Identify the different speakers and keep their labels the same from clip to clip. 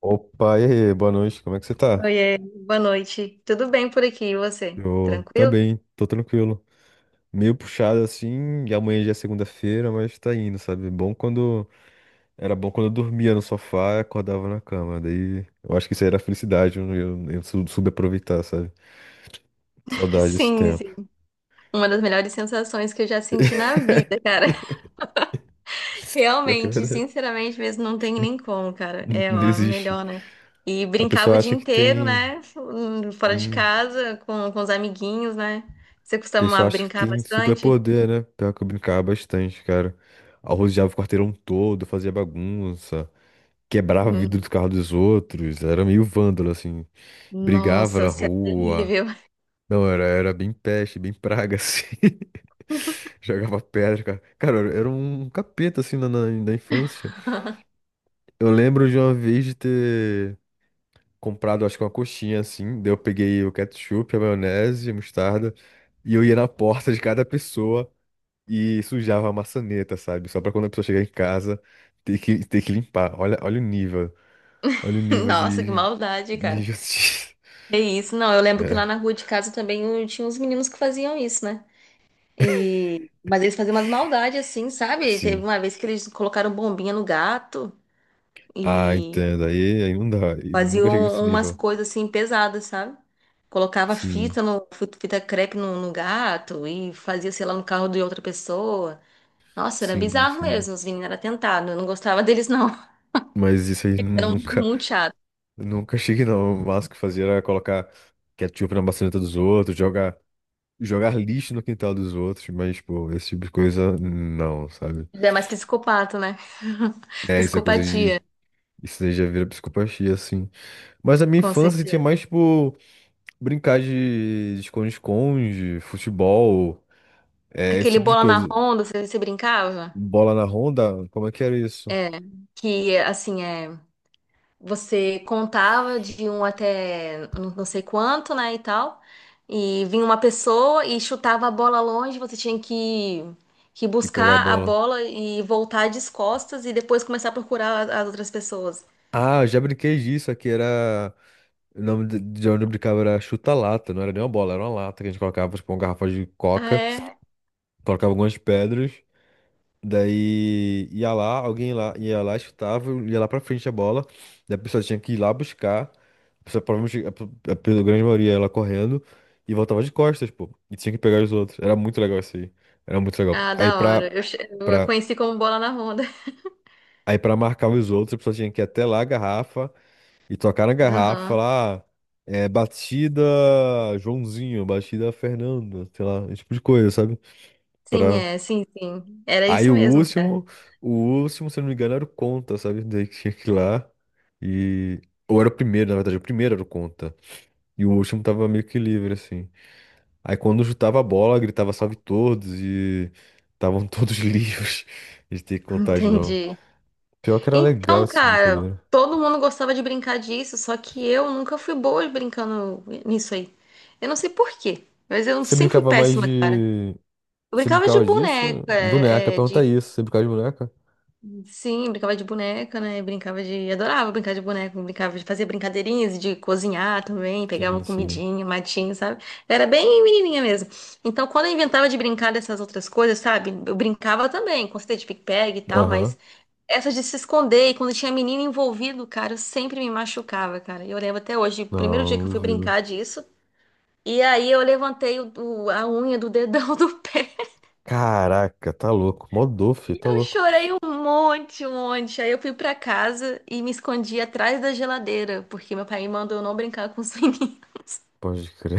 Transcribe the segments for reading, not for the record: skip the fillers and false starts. Speaker 1: Opa, e aí, boa noite, como é que você tá?
Speaker 2: Oiê, boa noite. Tudo bem por aqui, e você?
Speaker 1: Eu
Speaker 2: Tranquilo?
Speaker 1: também, tô tranquilo. Meio puxado assim, e amanhã já é segunda-feira, mas tá indo, sabe? Bom quando. Era bom quando eu dormia no sofá e acordava na cama. Daí eu acho que isso aí era felicidade, eu soube aproveitar, sabe? Saudade desse
Speaker 2: Sim,
Speaker 1: tempo.
Speaker 2: sim. Uma das melhores sensações que eu já senti na vida, cara.
Speaker 1: Pior que é
Speaker 2: Realmente,
Speaker 1: verdade.
Speaker 2: sinceramente mesmo, não tem nem como, cara.
Speaker 1: Não
Speaker 2: É
Speaker 1: não
Speaker 2: ó,
Speaker 1: existe.
Speaker 2: melhor, né? E
Speaker 1: A
Speaker 2: brincava
Speaker 1: pessoa
Speaker 2: o dia
Speaker 1: acha que
Speaker 2: inteiro,
Speaker 1: tem.
Speaker 2: né? Fora de
Speaker 1: Sim.
Speaker 2: casa, com os amiguinhos, né? Você
Speaker 1: A pessoa
Speaker 2: costumava
Speaker 1: acha que
Speaker 2: brincar
Speaker 1: tem
Speaker 2: bastante?
Speaker 1: superpoder, né? Pior que eu brincava bastante, cara. Arrojava o quarteirão todo, fazia bagunça. Quebrava o vidro
Speaker 2: Hum.
Speaker 1: do carro dos outros, era meio vândalo, assim, brigava
Speaker 2: Nossa,
Speaker 1: na
Speaker 2: você é
Speaker 1: rua.
Speaker 2: terrível.
Speaker 1: Não, era bem peste, bem praga, assim. Jogava pedra, cara. Cara, eu era um capeta, assim, na infância. Eu lembro de uma vez de ter comprado, acho que uma coxinha, assim, daí eu peguei o ketchup, a maionese, a mostarda, e eu ia na porta de cada pessoa e sujava a maçaneta, sabe? Só pra quando a pessoa chegar em casa, ter que limpar. Olha, olha o nível. Olha o nível
Speaker 2: Nossa, que
Speaker 1: de,
Speaker 2: maldade,
Speaker 1: de
Speaker 2: cara.
Speaker 1: injustiça.
Speaker 2: É isso, não. Eu lembro que
Speaker 1: É,
Speaker 2: lá na rua de casa também tinha uns meninos que faziam isso, né? E mas eles faziam umas maldades assim, sabe? Teve
Speaker 1: sim.
Speaker 2: uma vez que eles colocaram bombinha no gato
Speaker 1: Ah,
Speaker 2: e
Speaker 1: entendo. Aí, aí não dá. E
Speaker 2: faziam
Speaker 1: nunca cheguei nesse
Speaker 2: umas
Speaker 1: nível.
Speaker 2: coisas assim pesadas, sabe? Colocava
Speaker 1: Sim,
Speaker 2: fita no fita crepe no gato e fazia, sei lá, no carro de outra pessoa. Nossa, era
Speaker 1: sim,
Speaker 2: bizarro
Speaker 1: sim.
Speaker 2: mesmo, os meninos eram atentados. Eu não gostava deles, não.
Speaker 1: Mas isso aí
Speaker 2: Eram muito chatos.
Speaker 1: nunca cheguei, não. O máximo que fazia era colocar ketchup na maçaneta dos outros, jogar lixo no quintal dos outros. Mas, pô, esse tipo de coisa, não, sabe?
Speaker 2: Eles é mais psicopata, né?
Speaker 1: É, isso é coisa
Speaker 2: Psicopatia,
Speaker 1: de. Isso aí já vira psicopatia, assim. Mas a minha
Speaker 2: com
Speaker 1: infância assim, tinha
Speaker 2: certeza.
Speaker 1: mais, tipo, brincar de esconde-esconde, futebol. É, esse
Speaker 2: Aquele
Speaker 1: tipo de
Speaker 2: bola na
Speaker 1: coisa.
Speaker 2: ronda, você, você brincava?
Speaker 1: Bola na ronda? Como é que era isso?
Speaker 2: É. Que assim é. Você contava de um até não sei quanto, né, e tal. E vinha uma pessoa e chutava a bola longe, você tinha que
Speaker 1: De pegar a
Speaker 2: buscar a
Speaker 1: bola.
Speaker 2: bola e voltar de costas e depois começar a procurar as outras pessoas.
Speaker 1: Ah, eu já brinquei disso. Aqui era. O nome de onde eu brincava era chuta-lata. Não era nem uma bola, era uma lata que a gente colocava, tipo, uma garrafa de
Speaker 2: Ah,
Speaker 1: coca.
Speaker 2: é?
Speaker 1: Colocava algumas pedras. Daí ia lá, alguém lá ia lá, chutava, ia lá pra frente a bola. Daí a pessoa tinha que ir lá buscar. A pessoa provavelmente, a grande maioria ia lá correndo. E voltava de costas, pô. E tinha que pegar os outros. Era muito legal isso aí. Era muito legal.
Speaker 2: Ah, da hora. Eu a
Speaker 1: Pra
Speaker 2: conheci como bola na ronda.
Speaker 1: Aí pra marcar os outros, a pessoa tinha que ir até lá a garrafa e tocar na garrafa, e
Speaker 2: Aham.
Speaker 1: falar, ah, é, batida Joãozinho, batida Fernando, sei lá, esse tipo de coisa, sabe?
Speaker 2: Sim,
Speaker 1: Pra...
Speaker 2: é, sim, sim. Era
Speaker 1: Aí
Speaker 2: isso mesmo, cara.
Speaker 1: o último, se eu não me engano, era o conta, sabe? Daí que tinha que ir lá e... Ou era o primeiro, na verdade, o primeiro era o conta. E o último tava meio que livre, assim. Aí quando chutava a bola, gritava salve todos e... Estavam todos livres de ter que contar de novo.
Speaker 2: Entendi.
Speaker 1: Pior que era legal
Speaker 2: Então,
Speaker 1: esse tipo de
Speaker 2: cara,
Speaker 1: coisa.
Speaker 2: todo mundo gostava de brincar disso, só que eu nunca fui boa brincando nisso aí. Eu não sei por quê, mas eu
Speaker 1: Você
Speaker 2: sempre fui
Speaker 1: brincava mais
Speaker 2: péssima, cara.
Speaker 1: de.
Speaker 2: Eu
Speaker 1: Você
Speaker 2: brincava de
Speaker 1: brincava disso?
Speaker 2: boneca,
Speaker 1: Boneca,
Speaker 2: é, é,
Speaker 1: pergunta
Speaker 2: de.
Speaker 1: isso. Você brincava de boneca?
Speaker 2: Sim, brincava de boneca, né? Brincava de adorava brincar de boneca, brincava de fazer brincadeirinhas, de cozinhar também, pegava
Speaker 1: Sim, sim.
Speaker 2: comidinha, matinho, sabe? Era bem menininha mesmo. Então, quando eu inventava de brincar dessas outras coisas, sabe? Eu brincava também, com certeza, de pique-pegue e tal, mas
Speaker 1: Aham.
Speaker 2: essa de se esconder, e quando tinha menino envolvido, cara, eu sempre me machucava, cara. E eu lembro até hoje, o primeiro dia
Speaker 1: Não,
Speaker 2: que
Speaker 1: não
Speaker 2: eu fui
Speaker 1: duvido.
Speaker 2: brincar disso, e aí eu levantei a unha do dedão do pé.
Speaker 1: Caraca, tá louco. Mó filho,
Speaker 2: E
Speaker 1: tá
Speaker 2: eu
Speaker 1: louco.
Speaker 2: chorei um monte, um monte. Aí eu fui pra casa e me escondi atrás da geladeira, porque meu pai me mandou eu não brincar com os meninos.
Speaker 1: Pode crer.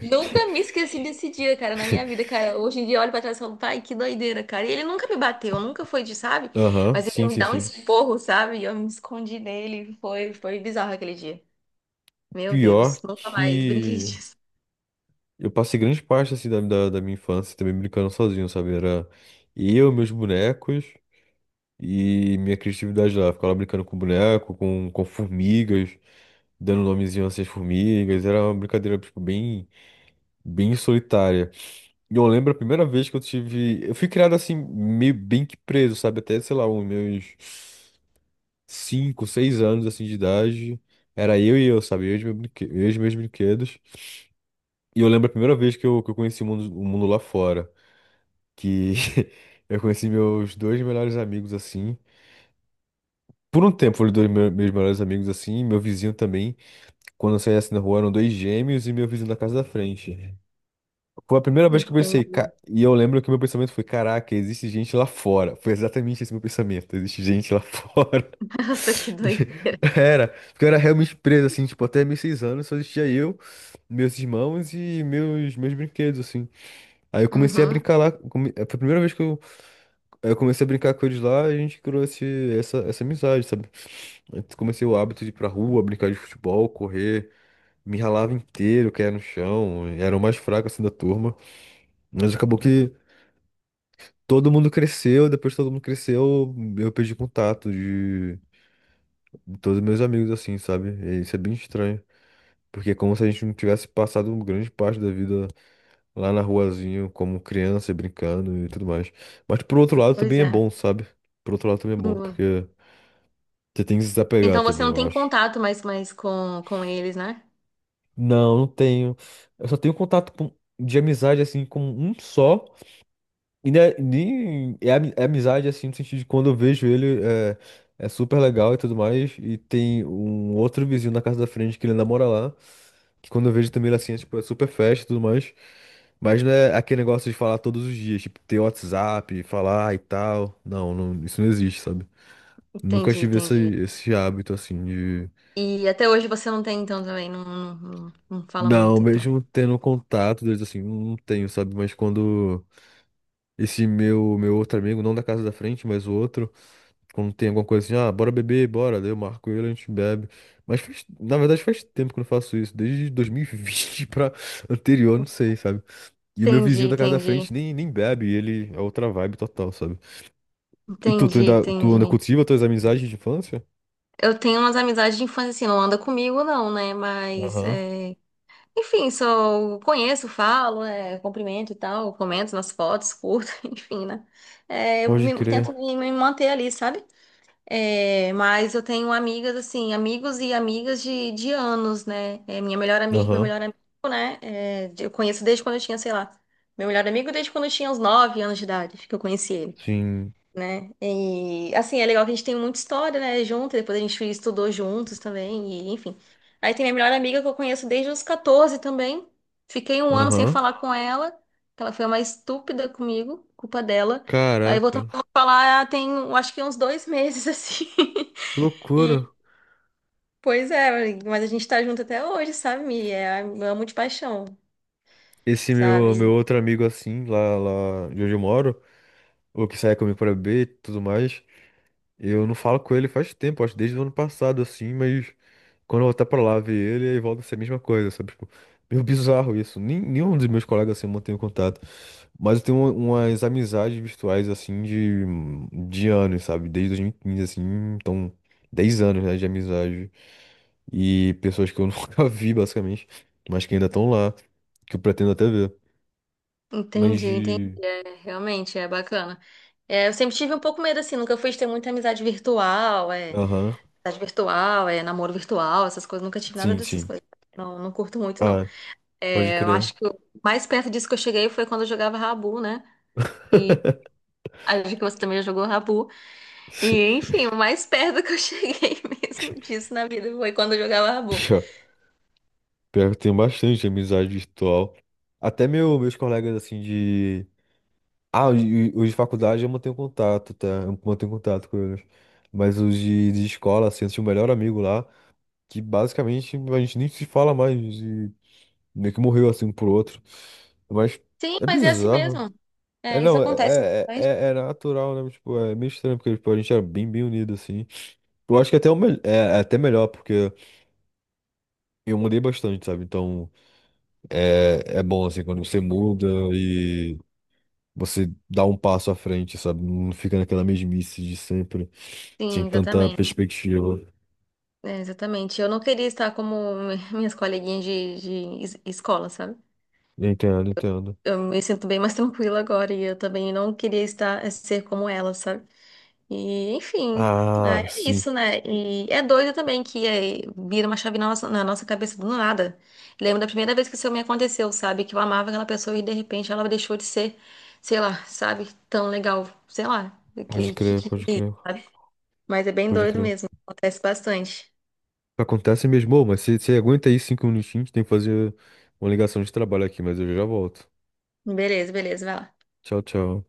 Speaker 2: Nunca me esqueci desse dia, cara, na minha vida, cara. Hoje em dia eu olho pra trás e falo, pai, que doideira, cara. E ele nunca me bateu, nunca foi de, sabe?
Speaker 1: Aham,
Speaker 2: Mas ele
Speaker 1: sim,
Speaker 2: me
Speaker 1: sim,
Speaker 2: dá um
Speaker 1: sim.
Speaker 2: esporro, sabe? E eu me escondi nele. Foi, foi bizarro aquele dia. Meu
Speaker 1: Pior
Speaker 2: Deus, nunca mais brinquei
Speaker 1: que
Speaker 2: disso.
Speaker 1: eu passei grande parte assim da minha infância também brincando sozinho, sabe? Era eu, meus bonecos e minha criatividade lá. Ficava lá brincando com boneco, com formigas, dando nomezinho a essas formigas. Era uma brincadeira, tipo, bem solitária. E eu lembro a primeira vez que eu tive. Eu fui criado assim, meio bem que preso, sabe? Até, sei lá, uns meus 5, 6 anos assim de idade. Era eu e eu, sabe? Eu e os meus brinquedos. E eu lembro a primeira vez que eu conheci o mundo lá fora. Que eu conheci meus dois melhores amigos assim. Por um tempo foram dois meus melhores amigos assim, meu vizinho também. Quando eu saía assim na rua eram dois gêmeos e meu vizinho da casa da frente. Foi a primeira vez que eu pensei,
Speaker 2: Entendi.
Speaker 1: e eu lembro que meu pensamento foi, caraca, existe gente lá fora. Foi exatamente esse meu pensamento, existe gente lá fora.
Speaker 2: Nossa, que
Speaker 1: E
Speaker 2: doideira.
Speaker 1: era, porque eu era realmente preso, assim, tipo, até meus 6 anos só existia eu, meus irmãos e meus brinquedos, assim. Aí eu comecei a
Speaker 2: Uhum.
Speaker 1: brincar lá, foi a primeira vez que eu comecei a brincar com eles lá, a gente criou essa amizade, sabe? Eu comecei o hábito de ir pra rua, brincar de futebol, correr, me ralava inteiro, caía no chão, era o mais fraco, assim, da turma. Mas acabou que todo mundo cresceu, depois que todo mundo cresceu, eu perdi contato de todos meus amigos, assim, sabe? E isso é bem estranho. Porque é como se a gente não tivesse passado grande parte da vida lá na ruazinha, como criança, brincando e tudo mais. Mas por outro lado
Speaker 2: Pois
Speaker 1: também é
Speaker 2: é.
Speaker 1: bom, sabe? Por outro lado também é bom,
Speaker 2: Boa.
Speaker 1: porque você tem que se desapegar
Speaker 2: Então você
Speaker 1: também,
Speaker 2: não
Speaker 1: eu
Speaker 2: tem
Speaker 1: acho.
Speaker 2: contato mais, mais com eles, né?
Speaker 1: Não, não tenho. Eu só tenho contato de amizade, assim, com um só. E né, nem é, é amizade assim, no sentido de quando eu vejo ele é, é super legal e tudo mais. E tem um outro vizinho na casa da frente que ele namora lá. Que quando eu vejo também ele assim, é, tipo, é super festa e tudo mais. Mas não é aquele negócio de falar todos os dias, tipo, ter WhatsApp, falar e tal. Não, não, isso não existe, sabe? Nunca
Speaker 2: Entendi,
Speaker 1: tive
Speaker 2: entendi.
Speaker 1: esse hábito assim de.
Speaker 2: E até hoje você não tem, então, também. Não, não, não, não fala
Speaker 1: Não,
Speaker 2: muito, então.
Speaker 1: mesmo tendo contato deles assim, não tenho, sabe? Mas quando esse meu outro amigo, não da casa da frente, mas o outro. Quando tem alguma coisa assim, ah, bora beber, bora. Daí eu marco ele, a gente bebe. Mas na verdade faz tempo que eu não faço isso, desde 2020 pra anterior, não sei, sabe? E o meu vizinho
Speaker 2: Entendi,
Speaker 1: da casa da frente
Speaker 2: entendi.
Speaker 1: nem bebe, ele é outra vibe total, sabe? E tu,
Speaker 2: Entendi,
Speaker 1: tu ainda
Speaker 2: entendi.
Speaker 1: cultiva tuas amizades de infância?
Speaker 2: Eu tenho umas amizades de infância, assim, não anda comigo, não, né? Mas
Speaker 1: Aham,
Speaker 2: é, enfim, só conheço, falo, né, cumprimento e tal, comento nas fotos, curto, enfim, né? É,
Speaker 1: pode
Speaker 2: tento
Speaker 1: crer.
Speaker 2: me manter ali, sabe? É, mas eu tenho amigas, assim, amigos e amigas de anos, né? É, minha melhor amiga, meu
Speaker 1: Aham,
Speaker 2: melhor amigo, né? É, de- eu conheço desde quando eu tinha, sei lá, meu melhor amigo desde quando eu tinha uns 9 anos de idade, que eu conheci ele,
Speaker 1: sim.
Speaker 2: né? E assim, é legal que a gente tem muita história, né, junto, e depois a gente estudou juntos também, e enfim. Aí tem minha melhor amiga que eu conheço desde os 14 também. Fiquei um ano sem
Speaker 1: Aham.
Speaker 2: falar com ela, que ela foi a mais estúpida comigo, culpa dela. Aí voltamos
Speaker 1: Caraca,
Speaker 2: a falar, ah, tem, eu acho que uns dois meses assim.
Speaker 1: que loucura.
Speaker 2: E pois é, mas a gente tá junto até hoje, sabe? Mi? É, eu amo de paixão,
Speaker 1: Esse meu
Speaker 2: sabe?
Speaker 1: outro amigo assim, lá, lá de onde eu moro, ou que sai comigo pra beber e tudo mais. Eu não falo com ele faz tempo, acho que desde o ano passado, assim, mas quando eu voltar pra lá ver ele, aí volta a ser a mesma coisa, sabe? Tipo, meio bizarro isso. Nem, Nenhum dos meus colegas assim mantém contato. Mas eu tenho umas amizades virtuais, assim, de anos, sabe? Desde 2015, assim, então, 10 anos, né, de amizade. E pessoas que eu nunca vi, basicamente, mas que ainda estão lá, que eu pretendo até ver. Mas
Speaker 2: Entendi, entendi.
Speaker 1: de.
Speaker 2: É, realmente, é bacana. É, eu sempre tive um pouco medo, assim, nunca fui de ter muita
Speaker 1: Aham,
Speaker 2: amizade virtual, é, namoro virtual, essas coisas, nunca tive nada
Speaker 1: sim,
Speaker 2: dessas
Speaker 1: sim.
Speaker 2: coisas. Não, não curto muito, não.
Speaker 1: Ah, pode
Speaker 2: É, eu
Speaker 1: crer.
Speaker 2: acho que o mais perto disso que eu cheguei foi quando eu jogava Rabu, né? E acho que você também já jogou Rabu. E, enfim, o mais perto que eu cheguei mesmo disso na vida foi quando eu jogava Rabu.
Speaker 1: Pior Pior que eu tenho bastante amizade virtual. Até meus colegas, assim, de... Ah, os de faculdade eu mantenho contato, tá? Eu mantenho contato com eles. Mas os de escola, assim, eu tinha o melhor amigo lá, que basicamente a gente nem se fala mais, e meio que morreu, assim, um pro outro. Mas
Speaker 2: Sim,
Speaker 1: é
Speaker 2: mas é assim
Speaker 1: bizarro.
Speaker 2: mesmo.
Speaker 1: É,
Speaker 2: É, isso
Speaker 1: não,
Speaker 2: acontece bastante.
Speaker 1: é natural, né? Mas, tipo, é meio estranho, porque tipo, a gente era bem, bem unido, assim. Eu acho que até é até melhor, porque eu mudei bastante, sabe? Então... É, é bom, assim, quando você muda e você dá um passo à frente, sabe? Não fica naquela mesmice de sempre, sem
Speaker 2: Sim,
Speaker 1: tanta
Speaker 2: exatamente.
Speaker 1: perspectiva.
Speaker 2: É, exatamente. Eu não queria estar como minhas coleguinhas de, escola, sabe?
Speaker 1: Entendo, entendo.
Speaker 2: Eu me sinto bem mais tranquila agora e eu também não queria estar ser como ela, sabe? E enfim,
Speaker 1: Ah,
Speaker 2: é
Speaker 1: sim.
Speaker 2: isso, né? E é doido também que é, vira uma chave na nossa cabeça do nada. Lembro da primeira vez que isso me aconteceu, sabe? Que eu amava aquela pessoa e de repente ela deixou de ser, sei lá, sabe? Tão legal, sei lá,
Speaker 1: Pode
Speaker 2: que, que,
Speaker 1: crer,
Speaker 2: que-
Speaker 1: pode crer,
Speaker 2: sabe? Mas é bem
Speaker 1: pode
Speaker 2: doido
Speaker 1: crer.
Speaker 2: mesmo, acontece bastante.
Speaker 1: Acontece mesmo, ô, mas você aguenta aí 5 minutinhos, tem que fazer uma ligação de trabalho aqui, mas eu já volto.
Speaker 2: Beleza, beleza, vai lá.
Speaker 1: Tchau, tchau.